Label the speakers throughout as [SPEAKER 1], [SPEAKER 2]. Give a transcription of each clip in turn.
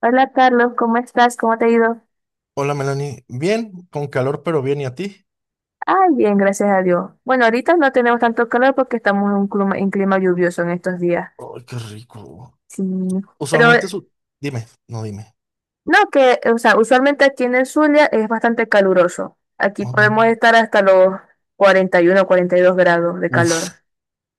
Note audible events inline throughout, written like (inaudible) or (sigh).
[SPEAKER 1] Hola Carlos, ¿cómo estás? ¿Cómo te ha ido?
[SPEAKER 2] Hola Melanie, bien, con calor pero bien, ¿y a ti?
[SPEAKER 1] Ay, bien, gracias a Dios. Bueno, ahorita no tenemos tanto calor porque estamos en un clima, en clima lluvioso en estos días.
[SPEAKER 2] Ay, qué rico.
[SPEAKER 1] Sí. Pero
[SPEAKER 2] Usualmente su... Dime, no dime.
[SPEAKER 1] no, que, o sea, usualmente aquí en el Zulia es bastante caluroso. Aquí
[SPEAKER 2] Ujú.
[SPEAKER 1] podemos estar hasta los 41 o 42 grados de calor.
[SPEAKER 2] Uf,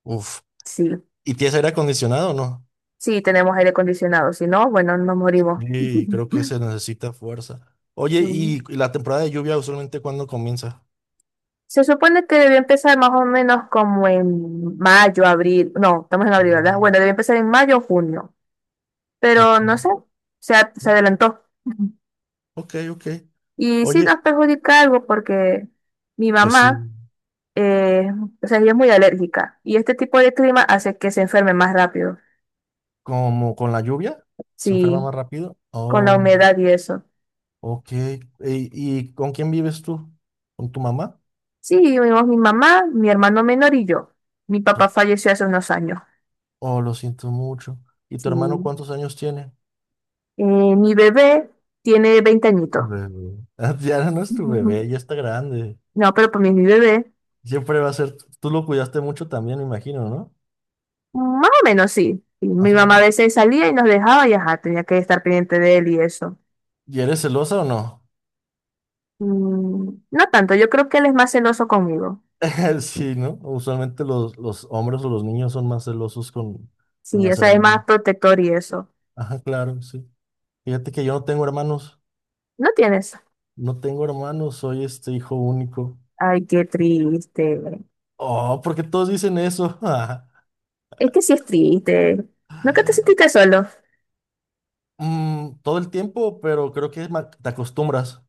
[SPEAKER 2] uf.
[SPEAKER 1] Sí,
[SPEAKER 2] ¿Y tienes aire acondicionado o no?
[SPEAKER 1] sí, tenemos aire acondicionado. Si no, bueno, nos morimos.
[SPEAKER 2] Sí, creo que se
[SPEAKER 1] (laughs)
[SPEAKER 2] necesita fuerza. Oye,
[SPEAKER 1] Sí.
[SPEAKER 2] ¿y la temporada de lluvia usualmente cuándo comienza?
[SPEAKER 1] Se supone que debió empezar más o menos como en mayo, abril. No, estamos en abril,
[SPEAKER 2] Oh,
[SPEAKER 1] ¿verdad? Bueno, debió empezar en mayo o junio.
[SPEAKER 2] ok,
[SPEAKER 1] Pero no sé, se, se
[SPEAKER 2] no,
[SPEAKER 1] adelantó. (laughs)
[SPEAKER 2] ok. Ok.
[SPEAKER 1] Y sí nos
[SPEAKER 2] Oye,
[SPEAKER 1] perjudica algo porque mi
[SPEAKER 2] pues
[SPEAKER 1] mamá,
[SPEAKER 2] sí,
[SPEAKER 1] eh, o sea, ella es muy alérgica y este tipo de clima hace que se enferme más rápido,
[SPEAKER 2] como con la lluvia, se
[SPEAKER 1] sí,
[SPEAKER 2] enferma más rápido.
[SPEAKER 1] con la
[SPEAKER 2] Oh,
[SPEAKER 1] humedad y eso.
[SPEAKER 2] ok. ¿Y con quién vives tú? ¿Con tu mamá?
[SPEAKER 1] Sí, vivimos mi mamá, mi hermano menor y yo. Mi papá falleció hace unos años.
[SPEAKER 2] Oh, lo siento mucho. ¿Y tu
[SPEAKER 1] Sí.
[SPEAKER 2] hermano cuántos años tiene?
[SPEAKER 1] Eh, mi bebé tiene 20 añitos.
[SPEAKER 2] Bebé. (laughs) Ya no es tu
[SPEAKER 1] Ujú.
[SPEAKER 2] bebé, ya está grande.
[SPEAKER 1] No, pero pues mi bebé,
[SPEAKER 2] Siempre va a ser. Tú lo cuidaste mucho también, me imagino, ¿no?
[SPEAKER 1] más o menos sí. Y mi
[SPEAKER 2] Más o
[SPEAKER 1] mamá a
[SPEAKER 2] menos.
[SPEAKER 1] veces salía y nos dejaba y ajá, tenía que estar pendiente de él y eso.
[SPEAKER 2] ¿Y eres celosa o no?
[SPEAKER 1] Mm, no tanto, yo creo que él es más celoso conmigo.
[SPEAKER 2] (laughs) Sí, ¿no? Usualmente los hombres o los niños son más celosos con
[SPEAKER 1] Sí, o
[SPEAKER 2] las
[SPEAKER 1] sea, es
[SPEAKER 2] hermanas.
[SPEAKER 1] más protector y eso.
[SPEAKER 2] Ajá, claro, sí. Fíjate que yo no tengo hermanos.
[SPEAKER 1] No tienes.
[SPEAKER 2] No tengo hermanos, soy este hijo único.
[SPEAKER 1] Ay, qué triste.
[SPEAKER 2] Oh, porque todos dicen eso. (laughs)
[SPEAKER 1] Es que sí es triste. Nunca te sentiste solo.
[SPEAKER 2] Mm, todo el tiempo, pero creo que te acostumbras.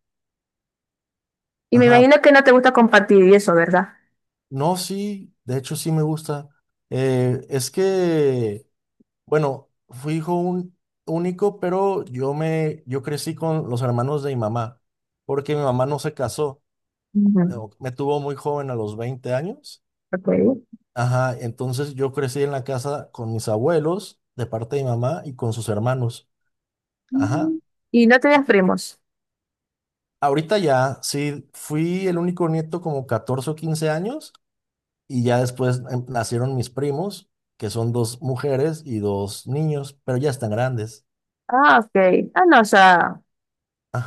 [SPEAKER 1] Y me
[SPEAKER 2] Ajá,
[SPEAKER 1] imagino que no te gusta compartir y eso, ¿verdad?
[SPEAKER 2] no, sí, de hecho sí me gusta. Es que, bueno, fui hijo único, pero yo crecí con los hermanos de mi mamá, porque mi mamá no se casó,
[SPEAKER 1] Ujú,
[SPEAKER 2] eh, me tuvo muy joven a los 20 años.
[SPEAKER 1] ok.
[SPEAKER 2] Ajá, entonces yo crecí en la casa con mis abuelos, de parte de mi mamá, y con sus hermanos. Ajá.
[SPEAKER 1] Mm. Y no tenías primos.
[SPEAKER 2] Ahorita ya, sí, fui el único nieto como 14 o 15 años. Y ya después nacieron mis primos, que son dos mujeres y dos niños, pero ya están grandes.
[SPEAKER 1] Ah, ok. Ah, no, o sea,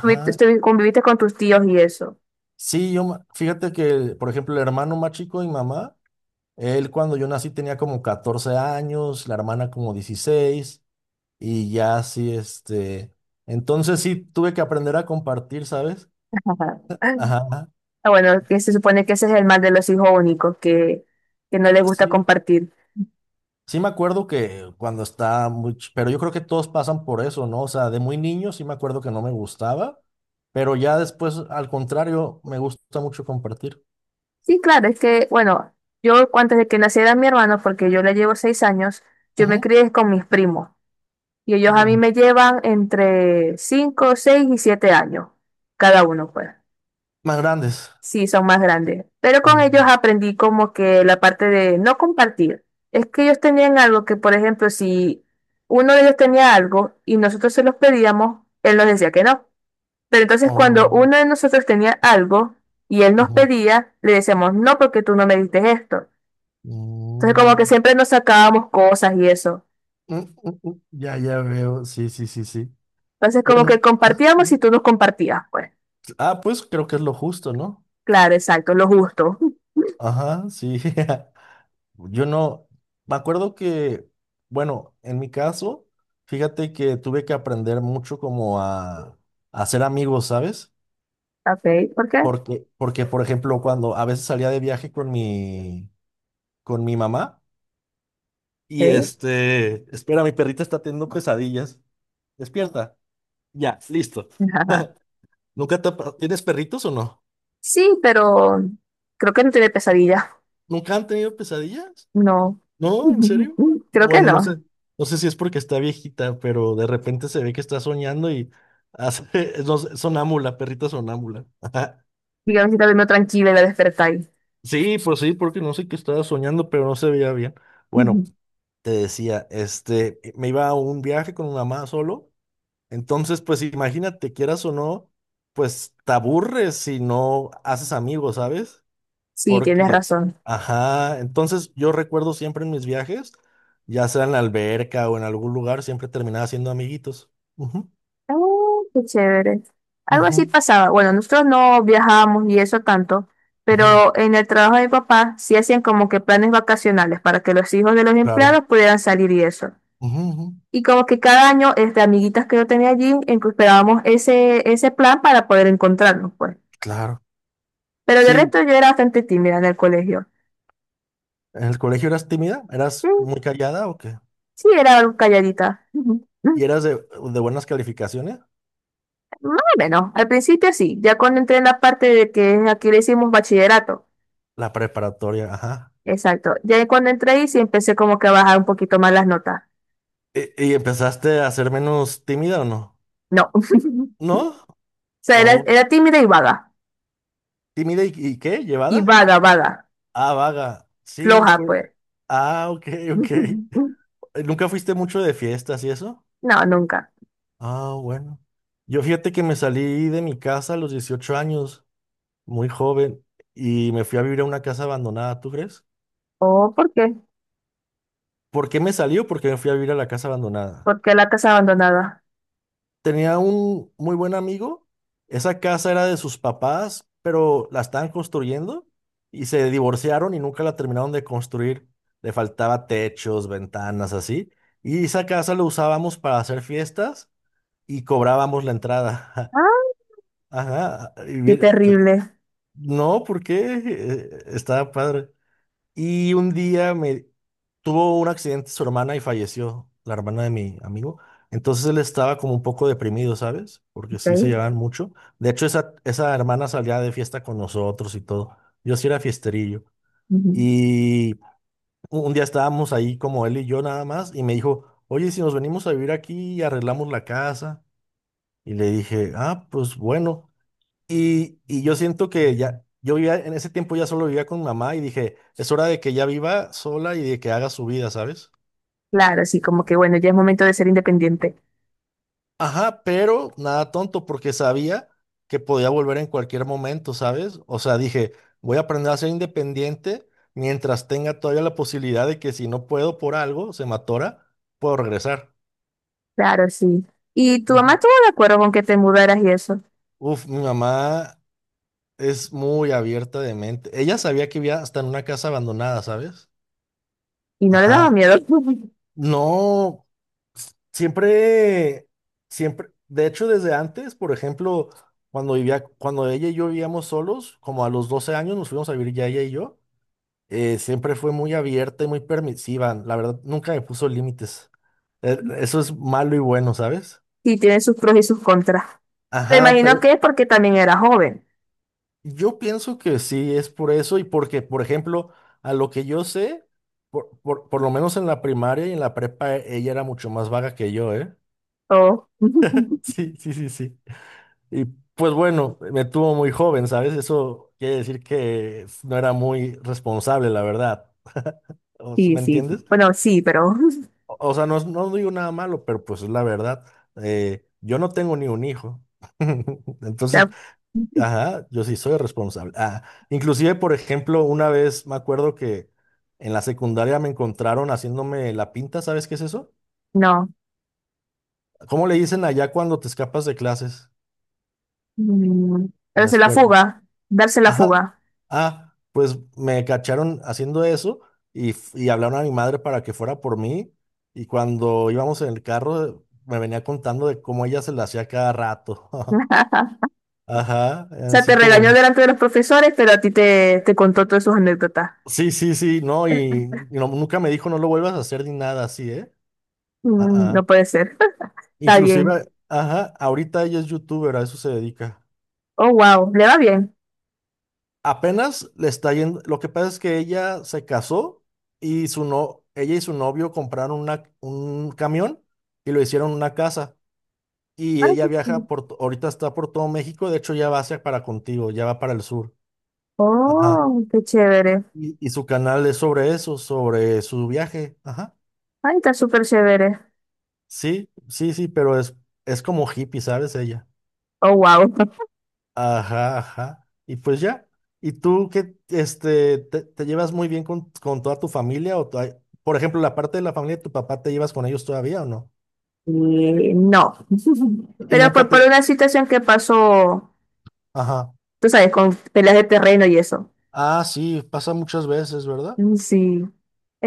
[SPEAKER 1] conviviste, conviviste con tus tíos y eso.
[SPEAKER 2] Sí, fíjate que, por ejemplo, el hermano más chico de mi mamá, él cuando yo nací tenía como 14 años, la hermana como 16, y ya así, este, entonces sí tuve que aprender a compartir, ¿sabes?
[SPEAKER 1] (laughs) Ajá.
[SPEAKER 2] Ajá,
[SPEAKER 1] Ah, bueno, que se supone que ese es el mal de los hijos únicos, que no les gusta
[SPEAKER 2] sí.
[SPEAKER 1] compartir.
[SPEAKER 2] Sí me acuerdo que cuando estaba muy... Pero yo creo que todos pasan por eso, ¿no? O sea, de muy niño sí me acuerdo que no me gustaba, pero ya después, al contrario, me gusta mucho compartir.
[SPEAKER 1] Sí, claro, es que, bueno, yo antes de que naciera mi hermano, porque yo le llevo seis años, yo me
[SPEAKER 2] Ujú,
[SPEAKER 1] crié con mis primos y ellos a mí
[SPEAKER 2] ujú.
[SPEAKER 1] me llevan entre cinco, seis y siete años, cada uno, pues.
[SPEAKER 2] Más grandes.
[SPEAKER 1] Sí, son más grandes. Pero con ellos
[SPEAKER 2] Mm,
[SPEAKER 1] aprendí como que la parte de no compartir. Es que ellos tenían algo que, por ejemplo, si uno de ellos tenía algo y nosotros se los pedíamos, él nos decía que no. Pero entonces cuando
[SPEAKER 2] oh,
[SPEAKER 1] uno de nosotros tenía algo y él nos
[SPEAKER 2] ujú,
[SPEAKER 1] pedía, le decíamos, no, porque tú no me diste esto. Entonces
[SPEAKER 2] mm,
[SPEAKER 1] como que siempre nos sacábamos cosas y eso.
[SPEAKER 2] mm, mm, mm. Ya, ya veo. Sí, sí, sí, sí.
[SPEAKER 1] Entonces como que
[SPEAKER 2] Bueno. Ah,
[SPEAKER 1] compartíamos y tú nos compartías, pues.
[SPEAKER 2] ah, pues creo que es lo justo, ¿no?
[SPEAKER 1] Claro, exacto, lo justo. (laughs)
[SPEAKER 2] Ajá, sí. (laughs) Yo no, me acuerdo que, bueno, en mi caso, fíjate que tuve que aprender mucho como a hacer amigos, ¿sabes?
[SPEAKER 1] Ok, ¿por qué?
[SPEAKER 2] Porque, por ejemplo, cuando a veces salía de viaje con mi mamá y
[SPEAKER 1] Ok.
[SPEAKER 2] este, espera, mi perrita está teniendo pesadillas. Despierta. Ya, listo.
[SPEAKER 1] (laughs) Ajá.
[SPEAKER 2] ¿Nunca te ha pa- ¿Tienes perritos o no?
[SPEAKER 1] Sí, pero creo que no tiene pesadillas.
[SPEAKER 2] ¿Nunca han tenido pesadillas?
[SPEAKER 1] No.
[SPEAKER 2] No, ¿en serio?
[SPEAKER 1] (laughs)
[SPEAKER 2] No,
[SPEAKER 1] Creo que
[SPEAKER 2] bueno, no sé,
[SPEAKER 1] no.
[SPEAKER 2] no sé si es porque está viejita, pero de repente se ve que está soñando y hace, (laughs) no sé, sonámbula, perrita sonámbula. (laughs)
[SPEAKER 1] Digamos que está durmiendo tranquila y la despertáis.
[SPEAKER 2] Sí, pues sí, porque no sé qué estaba soñando, pero no se veía bien. Bueno,
[SPEAKER 1] (laughs)
[SPEAKER 2] te decía, este, me iba a un viaje con mi mamá solo, entonces, pues imagínate, quieras o no, pues te aburres si no haces amigos, ¿sabes?
[SPEAKER 1] Sí, tienes
[SPEAKER 2] Porque,
[SPEAKER 1] razón.
[SPEAKER 2] ajá, entonces yo recuerdo siempre en mis viajes, ya sea en la alberca o en algún lugar, siempre terminaba siendo amiguitos. Ujú,
[SPEAKER 1] Oh, qué chévere. Algo así
[SPEAKER 2] ujú,
[SPEAKER 1] pasaba. Bueno, nosotros no viajábamos y eso tanto,
[SPEAKER 2] ujú,
[SPEAKER 1] pero en el trabajo de mi papá sí hacían como que planes vacacionales para que los hijos de los
[SPEAKER 2] claro,
[SPEAKER 1] empleados pudieran salir y eso.
[SPEAKER 2] ujú, ujú,
[SPEAKER 1] Y como que cada año, este, amiguitas que yo tenía allí, en que esperábamos ese, ese plan para poder encontrarnos, pues.
[SPEAKER 2] claro.
[SPEAKER 1] Pero de
[SPEAKER 2] Sí,
[SPEAKER 1] resto yo era bastante tímida en el colegio.
[SPEAKER 2] ¿en el colegio eras tímida?
[SPEAKER 1] Sí,
[SPEAKER 2] ¿Eras muy callada o qué?
[SPEAKER 1] sí, era algo calladita. Ujú. Mm,
[SPEAKER 2] ¿Y eras de buenas calificaciones?
[SPEAKER 1] más o menos. Al principio sí, ya cuando entré en la parte de que aquí le hicimos bachillerato.
[SPEAKER 2] La preparatoria, ajá.
[SPEAKER 1] Exacto. Ya cuando entré ahí sí empecé como que a bajar un poquito más las notas.
[SPEAKER 2] ¿Y empezaste a ser menos tímida o no?
[SPEAKER 1] No. (laughs)
[SPEAKER 2] ¿No?
[SPEAKER 1] O sea, era,
[SPEAKER 2] ¿O
[SPEAKER 1] era tímida y vaga.
[SPEAKER 2] tímida y qué?
[SPEAKER 1] Y
[SPEAKER 2] ¿Llevada?
[SPEAKER 1] vaga, vaga.
[SPEAKER 2] Ah, vaga. Sí,
[SPEAKER 1] Floja,
[SPEAKER 2] pues.
[SPEAKER 1] pues.
[SPEAKER 2] Ah, ok, ok.
[SPEAKER 1] (laughs)
[SPEAKER 2] ¿Nunca fuiste mucho de fiestas y eso?
[SPEAKER 1] No, nunca.
[SPEAKER 2] Ah, bueno. Yo fíjate que me salí de mi casa a los 18 años, muy joven, y me fui a vivir a una casa abandonada, ¿tú crees?
[SPEAKER 1] Oh, ¿por qué?
[SPEAKER 2] ¿Por qué me salió? Porque me fui a vivir a la casa abandonada.
[SPEAKER 1] ¿Por qué la casa abandonada?
[SPEAKER 2] Tenía un muy buen amigo, esa casa era de sus papás, pero la estaban construyendo y se divorciaron y nunca la terminaron de construir. Le faltaba techos, ventanas, así. Y esa casa lo usábamos para hacer fiestas y cobrábamos la entrada.
[SPEAKER 1] Ah,
[SPEAKER 2] (laughs) Ajá, ah, y
[SPEAKER 1] qué
[SPEAKER 2] bien,
[SPEAKER 1] terrible.
[SPEAKER 2] no, ¿por qué? Estaba padre. Y un día me tuvo un accidente su hermana y falleció, la hermana de mi amigo. Entonces él estaba como un poco deprimido, ¿sabes? Porque sí se
[SPEAKER 1] Ok.
[SPEAKER 2] llevaban mucho. De hecho, esa hermana salía de fiesta con nosotros y todo. Yo sí era fiesterillo.
[SPEAKER 1] Ujú.
[SPEAKER 2] Y un día estábamos ahí como él y yo nada más y me dijo, oye, si nos venimos a vivir aquí y arreglamos la casa. Y le dije, ah, pues bueno. Y yo siento que ya, yo vivía, en ese tiempo ya solo vivía con mamá y dije, es hora de que ya viva sola y de que haga su vida, ¿sabes?
[SPEAKER 1] Claro, sí, como que bueno, ya es momento de ser independiente.
[SPEAKER 2] Ajá, pero nada tonto porque sabía que podía volver en cualquier momento, ¿sabes? O sea, dije, voy a aprender a ser independiente mientras tenga todavía la posibilidad de que si no puedo por algo, se me atora, puedo regresar.
[SPEAKER 1] Claro, sí. ¿Y tu mamá
[SPEAKER 2] Ujú.
[SPEAKER 1] estuvo de acuerdo con que te mudaras y eso?
[SPEAKER 2] Uf, mi mamá es muy abierta de mente. Ella sabía que vivía hasta en una casa abandonada, ¿sabes?
[SPEAKER 1] ¿Y no le daba
[SPEAKER 2] Ajá.
[SPEAKER 1] miedo? (laughs)
[SPEAKER 2] No, siempre, siempre, de hecho, desde antes, por ejemplo, cuando ella y yo vivíamos solos, como a los 12 años nos fuimos a vivir ya ella y yo, siempre fue muy abierta y muy permisiva. La verdad, nunca me puso límites. Eso es malo y bueno, ¿sabes?
[SPEAKER 1] Sí, tiene sus pros y sus contras. Me
[SPEAKER 2] Ajá,
[SPEAKER 1] imagino
[SPEAKER 2] pero
[SPEAKER 1] que es porque también era joven.
[SPEAKER 2] yo pienso que sí es por eso y porque, por ejemplo, a lo que yo sé, por lo menos en la primaria y en la prepa, ella era mucho más vaga que yo, ¿eh?
[SPEAKER 1] Oh. (laughs)
[SPEAKER 2] Sí, sí, sí, sí. Y pues bueno, me tuvo muy joven, ¿sabes? Eso quiere decir que no era muy responsable, la verdad.
[SPEAKER 1] Sí,
[SPEAKER 2] ¿Me
[SPEAKER 1] sí.
[SPEAKER 2] entiendes?
[SPEAKER 1] Bueno, sí, pero, (laughs) o
[SPEAKER 2] O sea, no, no digo nada malo, pero pues es la verdad. Yo no tengo ni un hijo. (laughs) Entonces,
[SPEAKER 1] sea,
[SPEAKER 2] ajá, yo sí soy responsable. Ah, inclusive, por ejemplo, una vez me acuerdo que en la secundaria me encontraron haciéndome la pinta, ¿sabes qué es eso?
[SPEAKER 1] no.
[SPEAKER 2] ¿Cómo le dicen allá cuando te escapas de clases
[SPEAKER 1] Mm,
[SPEAKER 2] en la
[SPEAKER 1] darse la
[SPEAKER 2] escuela?
[SPEAKER 1] fuga, darse la
[SPEAKER 2] Ajá.
[SPEAKER 1] fuga.
[SPEAKER 2] Ah, pues me cacharon haciendo eso y hablaron a mi madre para que fuera por mí. Y cuando íbamos en el carro, me venía contando de cómo ella se la hacía cada rato. (laughs)
[SPEAKER 1] (laughs)
[SPEAKER 2] Ajá,
[SPEAKER 1] O sea,
[SPEAKER 2] así
[SPEAKER 1] te regañó
[SPEAKER 2] como.
[SPEAKER 1] delante de los profesores, pero a ti te, te contó todas sus anécdotas.
[SPEAKER 2] Sí, sí, sí, no, y nunca me dijo no lo vuelvas a hacer ni nada así, ¿eh? Ah,
[SPEAKER 1] Mm, no
[SPEAKER 2] ah.
[SPEAKER 1] puede ser. (laughs) Está bien.
[SPEAKER 2] Inclusive, ajá, ahorita ella es youtuber, a eso se dedica.
[SPEAKER 1] Oh, wow, le va bien.
[SPEAKER 2] Apenas le está yendo. Lo que pasa es que ella se casó y su no, ella y su novio compraron un camión y lo hicieron una casa. Y
[SPEAKER 1] Ay,
[SPEAKER 2] ella
[SPEAKER 1] qué chévere.
[SPEAKER 2] viaja ahorita está por todo México, de hecho ya va hacia para contigo, ya va para el sur. Ajá.
[SPEAKER 1] Oh, qué chévere.
[SPEAKER 2] Y su canal es sobre eso, sobre su viaje. Ajá.
[SPEAKER 1] Ay, está súper chévere.
[SPEAKER 2] Sí, sí, sí, pero es como hippie, ¿sabes? Ella.
[SPEAKER 1] Oh, wow. (laughs)
[SPEAKER 2] Ajá, ajá. Y pues ya. ¿Y tú qué, este, te llevas muy bien con toda tu familia? O por ejemplo, la parte de la familia de tu papá, ¿te llevas con ellos todavía o no?
[SPEAKER 1] No. (laughs)
[SPEAKER 2] Y
[SPEAKER 1] Pero
[SPEAKER 2] nunca
[SPEAKER 1] por
[SPEAKER 2] te...
[SPEAKER 1] una situación que pasó,
[SPEAKER 2] Ajá.
[SPEAKER 1] tú sabes, con peleas de terreno y eso.
[SPEAKER 2] Ah, sí, pasa muchas veces, ¿verdad?
[SPEAKER 1] Mm, sí.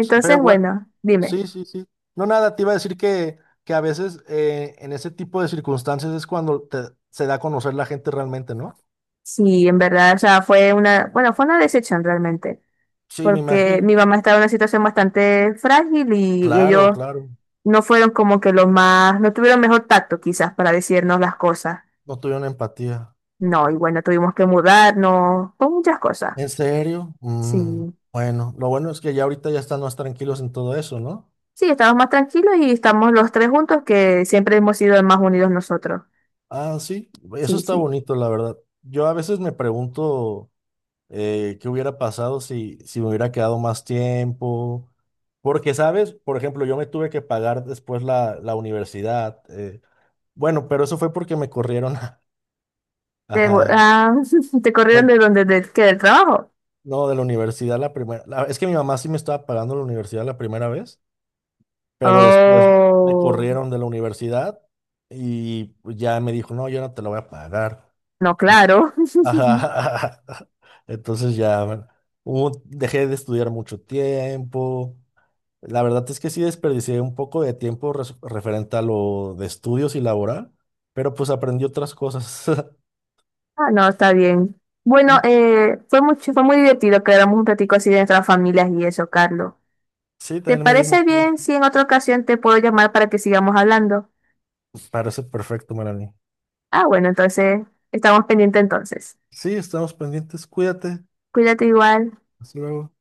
[SPEAKER 2] Pero bueno,
[SPEAKER 1] bueno, dime.
[SPEAKER 2] sí, sí, sí. No, nada, te iba a decir que a veces en ese tipo de circunstancias es cuando se da a conocer la gente realmente, ¿no?
[SPEAKER 1] Sí, en verdad, o sea, fue una, bueno, fue una decepción realmente,
[SPEAKER 2] Sí, me
[SPEAKER 1] porque
[SPEAKER 2] imagino.
[SPEAKER 1] mi mamá estaba en una situación bastante frágil y
[SPEAKER 2] Claro,
[SPEAKER 1] ellos
[SPEAKER 2] claro.
[SPEAKER 1] no fueron como que los más, no tuvieron mejor tacto quizás para decirnos
[SPEAKER 2] No,
[SPEAKER 1] las cosas.
[SPEAKER 2] no tuvieron empatía.
[SPEAKER 1] No, y bueno, tuvimos que mudarnos, con muchas cosas.
[SPEAKER 2] ¿En serio?
[SPEAKER 1] Sí,
[SPEAKER 2] Bueno, lo bueno es que ya ahorita ya están más tranquilos en todo eso, ¿no?
[SPEAKER 1] sí, estamos más tranquilos y estamos los tres juntos que siempre hemos sido más unidos nosotros.
[SPEAKER 2] Ah, sí, eso
[SPEAKER 1] Sí,
[SPEAKER 2] está
[SPEAKER 1] sí.
[SPEAKER 2] bonito, la verdad. Yo a veces me pregunto qué hubiera pasado si, si me hubiera quedado más tiempo, porque, ¿sabes? Por ejemplo, yo me tuve que pagar después la universidad. Bueno, pero eso fue porque me corrieron. (laughs)
[SPEAKER 1] Te,
[SPEAKER 2] Ajá.
[SPEAKER 1] (laughs) ¿te corrieron
[SPEAKER 2] me-
[SPEAKER 1] de donde, de, qué, del trabajo?
[SPEAKER 2] no, de la universidad la primera. Es que mi mamá sí me estaba pagando la universidad la primera vez. Pero después me
[SPEAKER 1] Oh,
[SPEAKER 2] corrieron de la universidad y ya me dijo, no, yo no te lo voy a pagar.
[SPEAKER 1] no,
[SPEAKER 2] Y-
[SPEAKER 1] claro. (laughs)
[SPEAKER 2] Ajá. (laughs) Entonces ya bueno, dejé de estudiar mucho tiempo. La verdad es que sí desperdicié un poco de tiempo referente a lo de estudios y laboral, pero pues aprendí otras cosas. (laughs)
[SPEAKER 1] Ah, no, está bien. Bueno,
[SPEAKER 2] Mm,
[SPEAKER 1] fue mucho, fue muy divertido quedarnos un ratico así de nuestras familias y eso, Carlos.
[SPEAKER 2] Sí,
[SPEAKER 1] ¿Te
[SPEAKER 2] también me dio mucho
[SPEAKER 1] parece bien
[SPEAKER 2] gusto.
[SPEAKER 1] si en otra ocasión te puedo llamar para que sigamos hablando?
[SPEAKER 2] Parece perfecto, Melanie.
[SPEAKER 1] Ah, bueno, entonces estamos pendientes entonces.
[SPEAKER 2] Sí, estamos pendientes. Cuídate.
[SPEAKER 1] Cuídate igual.
[SPEAKER 2] Hasta luego.